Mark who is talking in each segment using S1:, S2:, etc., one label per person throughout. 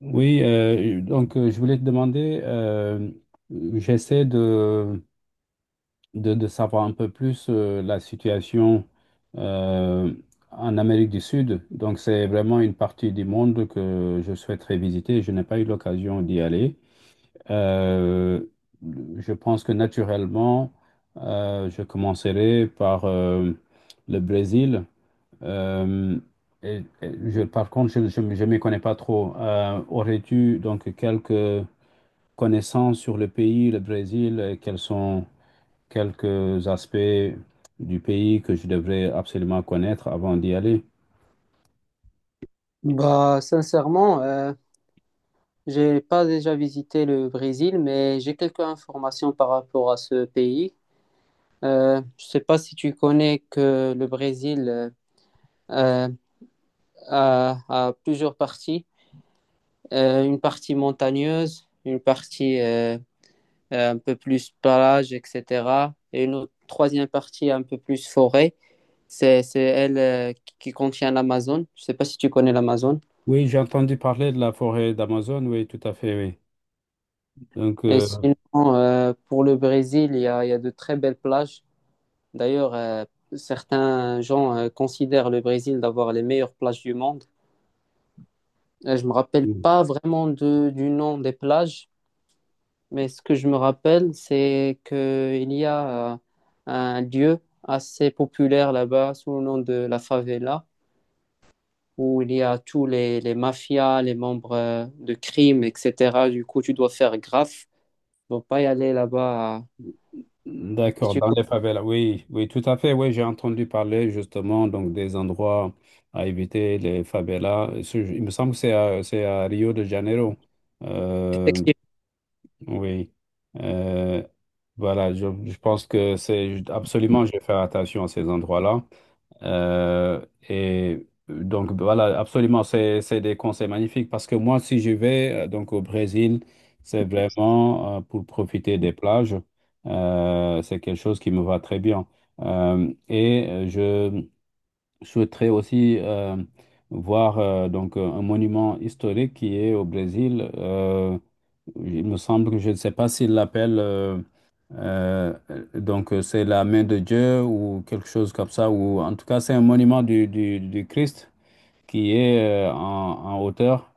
S1: Oui, je voulais te demander, j'essaie de savoir un peu plus la situation euh, en Amérique du Sud. Donc c'est vraiment une partie du monde que je souhaiterais visiter. Je n'ai pas eu l'occasion d'y aller. Euh, je pense que naturellement, je commencerai par le Brésil. Euh, et je, par contre, je ne m'y connais pas trop. Aurais-tu donc quelques connaissances sur le pays, le Brésil, et quels sont quelques aspects du pays que je devrais absolument connaître avant d'y aller?
S2: Bah, sincèrement, j'ai pas déjà visité le Brésil, mais j'ai quelques informations par rapport à ce pays. Je sais pas si tu connais que le Brésil euh, a, a plusieurs parties. Une partie montagneuse, une partie un peu plus plage, etc., et troisième partie un peu plus forêt. C'est elle qui contient l'Amazone. Je sais pas si tu connais l'Amazone.
S1: Oui, j'ai entendu parler de la forêt d'Amazon, oui, tout à fait, oui. Donc,
S2: Et
S1: euh,
S2: sinon, pour le Brésil, il y a de très belles plages. D'ailleurs, certains gens considèrent le Brésil d'avoir les meilleures plages du monde. Je me rappelle pas vraiment du nom des plages, mais ce que je me rappelle, c'est qu'il y a, un lieu assez populaire là-bas sous le nom de la favela, où il y a les mafias, les membres de crimes, etc. Du coup, tu dois faire gaffe, ne pas y aller là-bas, si
S1: D'accord, dans
S2: tu
S1: les favelas, oui, oui, tout à fait, oui, j'ai entendu parler justement donc des endroits à éviter, les favelas. Il me semble que c'est à Rio de Janeiro. Euh,
S2: peux.
S1: oui, Euh, je pense que c'est absolument, je vais faire attention à ces endroits-là. Et donc voilà, absolument, c'est des conseils magnifiques parce que moi, si je vais donc au Brésil, c'est vraiment pour profiter des plages. C'est quelque chose qui me va très bien. Je souhaiterais aussi voir un monument historique qui est au Brésil. Il me semble que je ne sais pas s'il l'appelle, euh, c'est la main de Dieu ou quelque chose comme ça, ou en tout cas c'est un monument du Christ qui est en hauteur.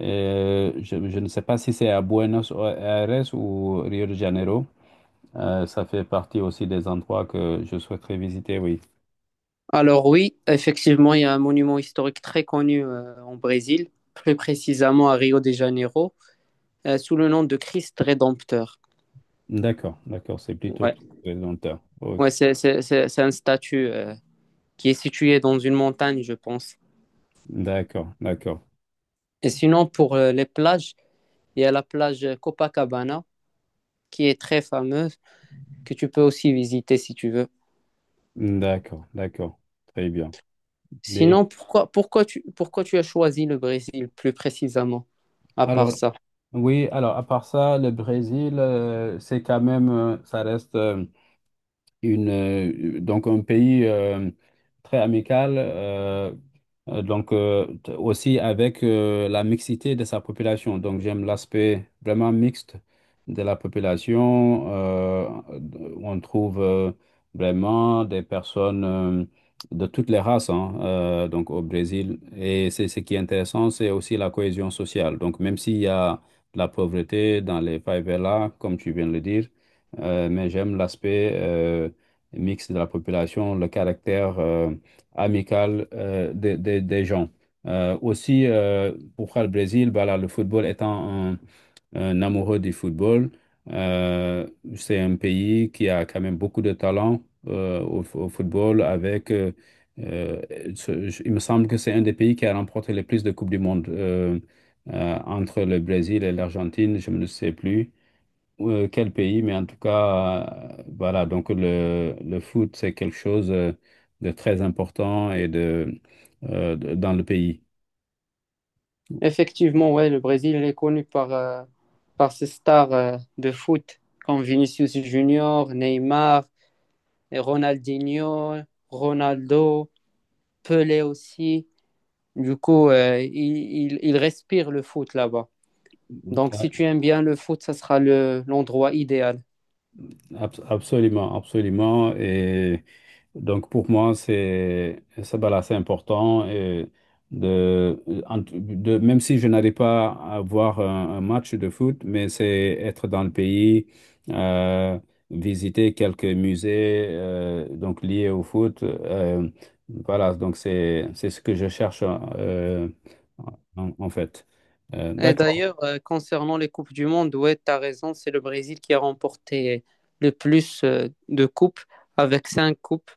S1: Je ne sais pas si c'est à Buenos Aires ou Rio de Janeiro. Ça fait partie aussi des endroits que je souhaiterais visiter, oui.
S2: Alors oui, effectivement, il y a un monument historique très connu en Brésil, plus précisément à Rio de Janeiro, sous le nom de Christ Rédempteur.
S1: D'accord, d'accord, c'est plutôt
S2: Ouais,
S1: longtemps.
S2: ouais, c'est un statut qui est situé dans une montagne, je pense.
S1: D'accord, d'accord,
S2: Et sinon, pour les plages, il y a la plage Copacabana, qui est très fameuse, que tu peux aussi visiter si tu veux.
S1: d'accord, d'accord. Très bien. Mais-
S2: Sinon, pourquoi tu as choisi le Brésil plus précisément, à part
S1: alors,
S2: ça?
S1: oui, alors à part ça, le Brésil, c'est quand même, ça reste donc un pays très amical, aussi avec la mixité de sa population. Donc j'aime l'aspect vraiment mixte de la population, où on trouve vraiment des personnes de toutes les races, hein, donc au Brésil. Et c'est ce qui est intéressant, c'est aussi la cohésion sociale. Donc même s'il y a de la pauvreté dans les favelas, comme tu viens de le dire, mais j'aime l'aspect mixte de la population, le caractère amical des gens. Pour faire le Brésil, voilà, le football étant un amoureux du football, euh, c'est un pays qui a quand même beaucoup de talent au football avec... euh, il me semble que c'est un des pays qui a remporté le plus de Coupes du Monde entre le Brésil et l'Argentine, je ne sais plus. Quel pays, mais en tout cas, voilà, donc le foot, c'est quelque chose de très important dans le pays.
S2: Effectivement, ouais, le Brésil il est connu par, par ses stars de foot comme Vinicius Junior, Neymar, et Ronaldinho, Ronaldo, Pelé aussi. Du coup, il respire le foot là-bas. Donc, si tu
S1: Ouais,
S2: aimes bien le foot, ça sera l'endroit idéal.
S1: absolument, absolument. Donc pour moi, c'est voilà, c'est important et de, en- de même si je n'arrive pas à voir un match de foot, mais c'est être dans le pays, euh, visiter quelques musées donc liés au foot. Voilà, donc c'est ce que je cherche en fait.
S2: Et
S1: D'accord.
S2: d'ailleurs, concernant les Coupes du Monde, ouais, tu as raison, c'est le Brésil qui a remporté le plus de coupes, avec 5 coupes.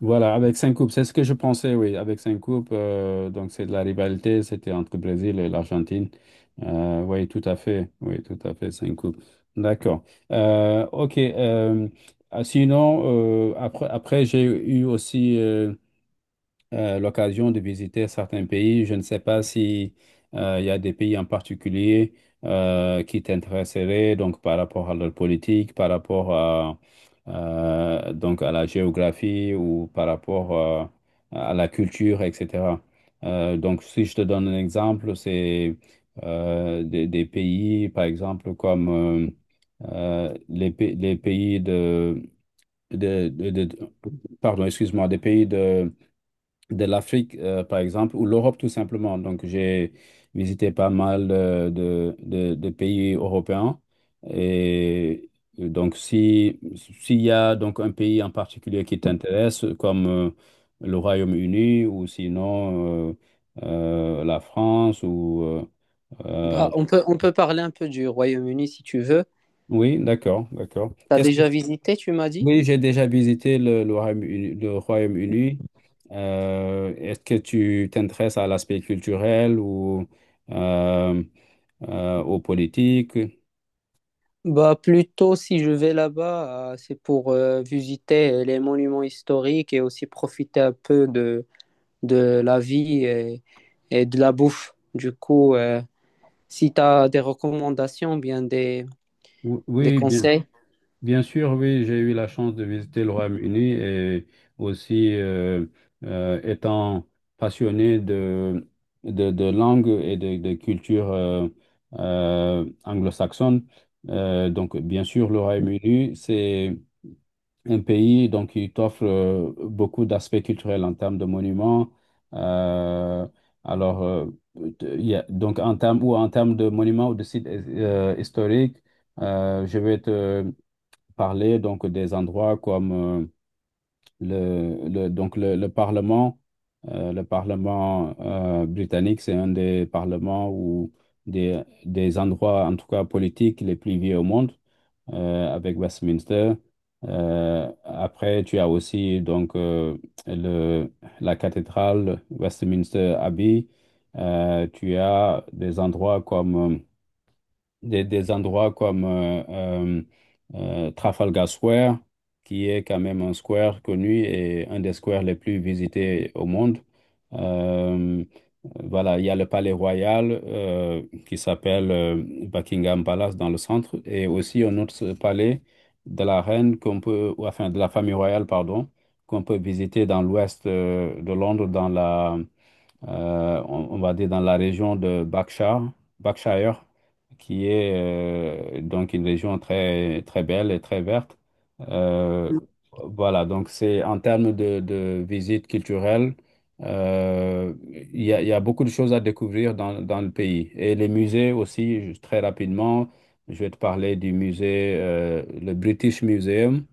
S1: Voilà, avec cinq coupes, c'est ce que je pensais, oui, avec cinq coupes, donc c'est de la rivalité, c'était entre le Brésil et l'Argentine. Oui, tout à fait, oui, tout à fait, cinq coupes. D'accord. Ok. Sinon, après, après j'ai eu aussi l'occasion de visiter certains pays. Je ne sais pas si il y a des pays en particulier qui t'intéresseraient, donc par rapport à leur politique, par rapport à, donc à la géographie ou par rapport à la culture, etc. Donc, si je te donne un exemple, c'est des pays, par exemple, les pays de, de- de- pardon, excuse-moi, des pays de l'Afrique, par exemple, ou l'Europe tout simplement. Donc, j'ai visité pas mal de pays européens. Et donc, si, s'il y a donc un pays en particulier qui t'intéresse, comme le Royaume-Uni ou sinon la France ou... euh,
S2: Bah, on peut parler un peu du Royaume-Uni si tu veux.
S1: oui, d'accord, d'accord.
S2: T'as
S1: Qu'est-ce que
S2: déjà visité, tu m'as dit?
S1: Oui, j'ai déjà visité le Royaume-Uni, le Royaume-Uni. Est-ce que tu t'intéresses à l'aspect culturel ou euh, aux politiques?
S2: Bah, plutôt si je vais là-bas, c'est pour visiter les monuments historiques et aussi profiter un peu de la vie et de la bouffe. Du coup, si tu as des recommandations, des
S1: Oui, bien,
S2: conseils.
S1: bien sûr, oui, j'ai eu la chance de visiter le Royaume-Uni et aussi étant passionné de langue de culture anglo-saxonne. Donc, bien sûr, le Royaume-Uni, c'est un pays donc qui t'offre beaucoup d'aspects culturels en termes de monuments. euh, alors, euh, donc en termes ou en termes de monuments ou de sites historiques, je vais te parler donc des endroits comme donc le Parlement. Le Parlement britannique, c'est un des parlements ou des endroits, en tout cas politiques, les plus vieux au monde avec Westminster. Après, tu as aussi donc le, la cathédrale Westminster Abbey. Tu as des endroits des endroits comme Trafalgar Square, qui est quand même un square connu et un des squares les plus visités au monde. Euh, voilà, il y a le Palais Royal qui s'appelle Buckingham Palace dans le centre et aussi un autre palais de la reine qu'on peut, ou enfin de la famille royale, pardon, qu'on peut visiter dans l'ouest de Londres dans la on va dire dans la région de Berkshire, Berkshire, qui est donc une région très, très belle et très verte. Euh, voilà, donc c'est en termes de visite culturelle, euh, il y a beaucoup de choses à découvrir dans, dans le pays. Et les musées aussi, juste très rapidement, je vais te parler du musée, le British Museum,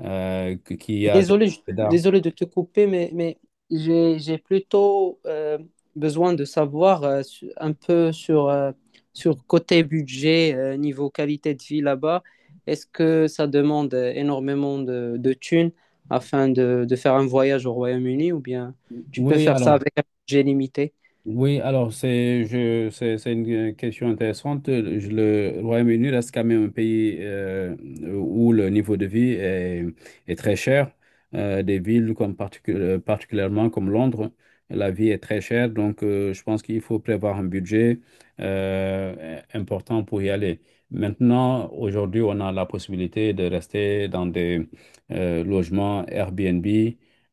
S1: qui a des...
S2: Désolé,
S1: d'art.
S2: désolé de te couper, mais j'ai plutôt besoin de savoir un peu sur, sur côté budget, niveau qualité de vie là-bas. Est-ce que ça demande énormément de thunes afin de faire un voyage au Royaume-Uni ou bien tu peux
S1: Oui,
S2: faire ça
S1: alors.
S2: avec un budget limité?
S1: C'est une question intéressante. Le Royaume-Uni reste quand même un pays où le niveau de vie est, est très cher. Des villes comme particulièrement comme Londres, la vie est très chère. Donc je pense qu'il faut prévoir un budget important pour y aller. Maintenant, aujourd'hui, on a la possibilité de rester dans des logements Airbnb.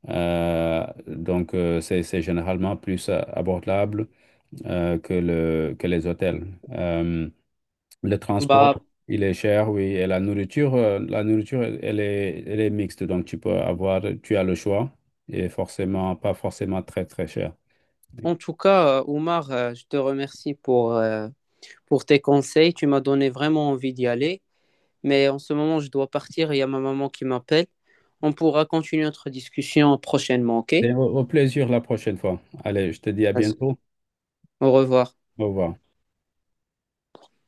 S1: C'est généralement plus abordable que les hôtels. Le transport,
S2: Bah,
S1: il est cher, oui, et la nourriture, elle est mixte, donc tu peux avoir, tu as le choix, et forcément, pas forcément très, très cher. Oui.
S2: en tout cas, Oumar, je te remercie pour tes conseils. Tu m'as donné vraiment envie d'y aller. Mais en ce moment, je dois partir. Il y a ma maman qui m'appelle. On pourra continuer notre discussion prochainement, ok?
S1: Et au au plaisir la prochaine fois. Allez, je te dis à
S2: Vas-y.
S1: bientôt.
S2: Au revoir.
S1: Au revoir.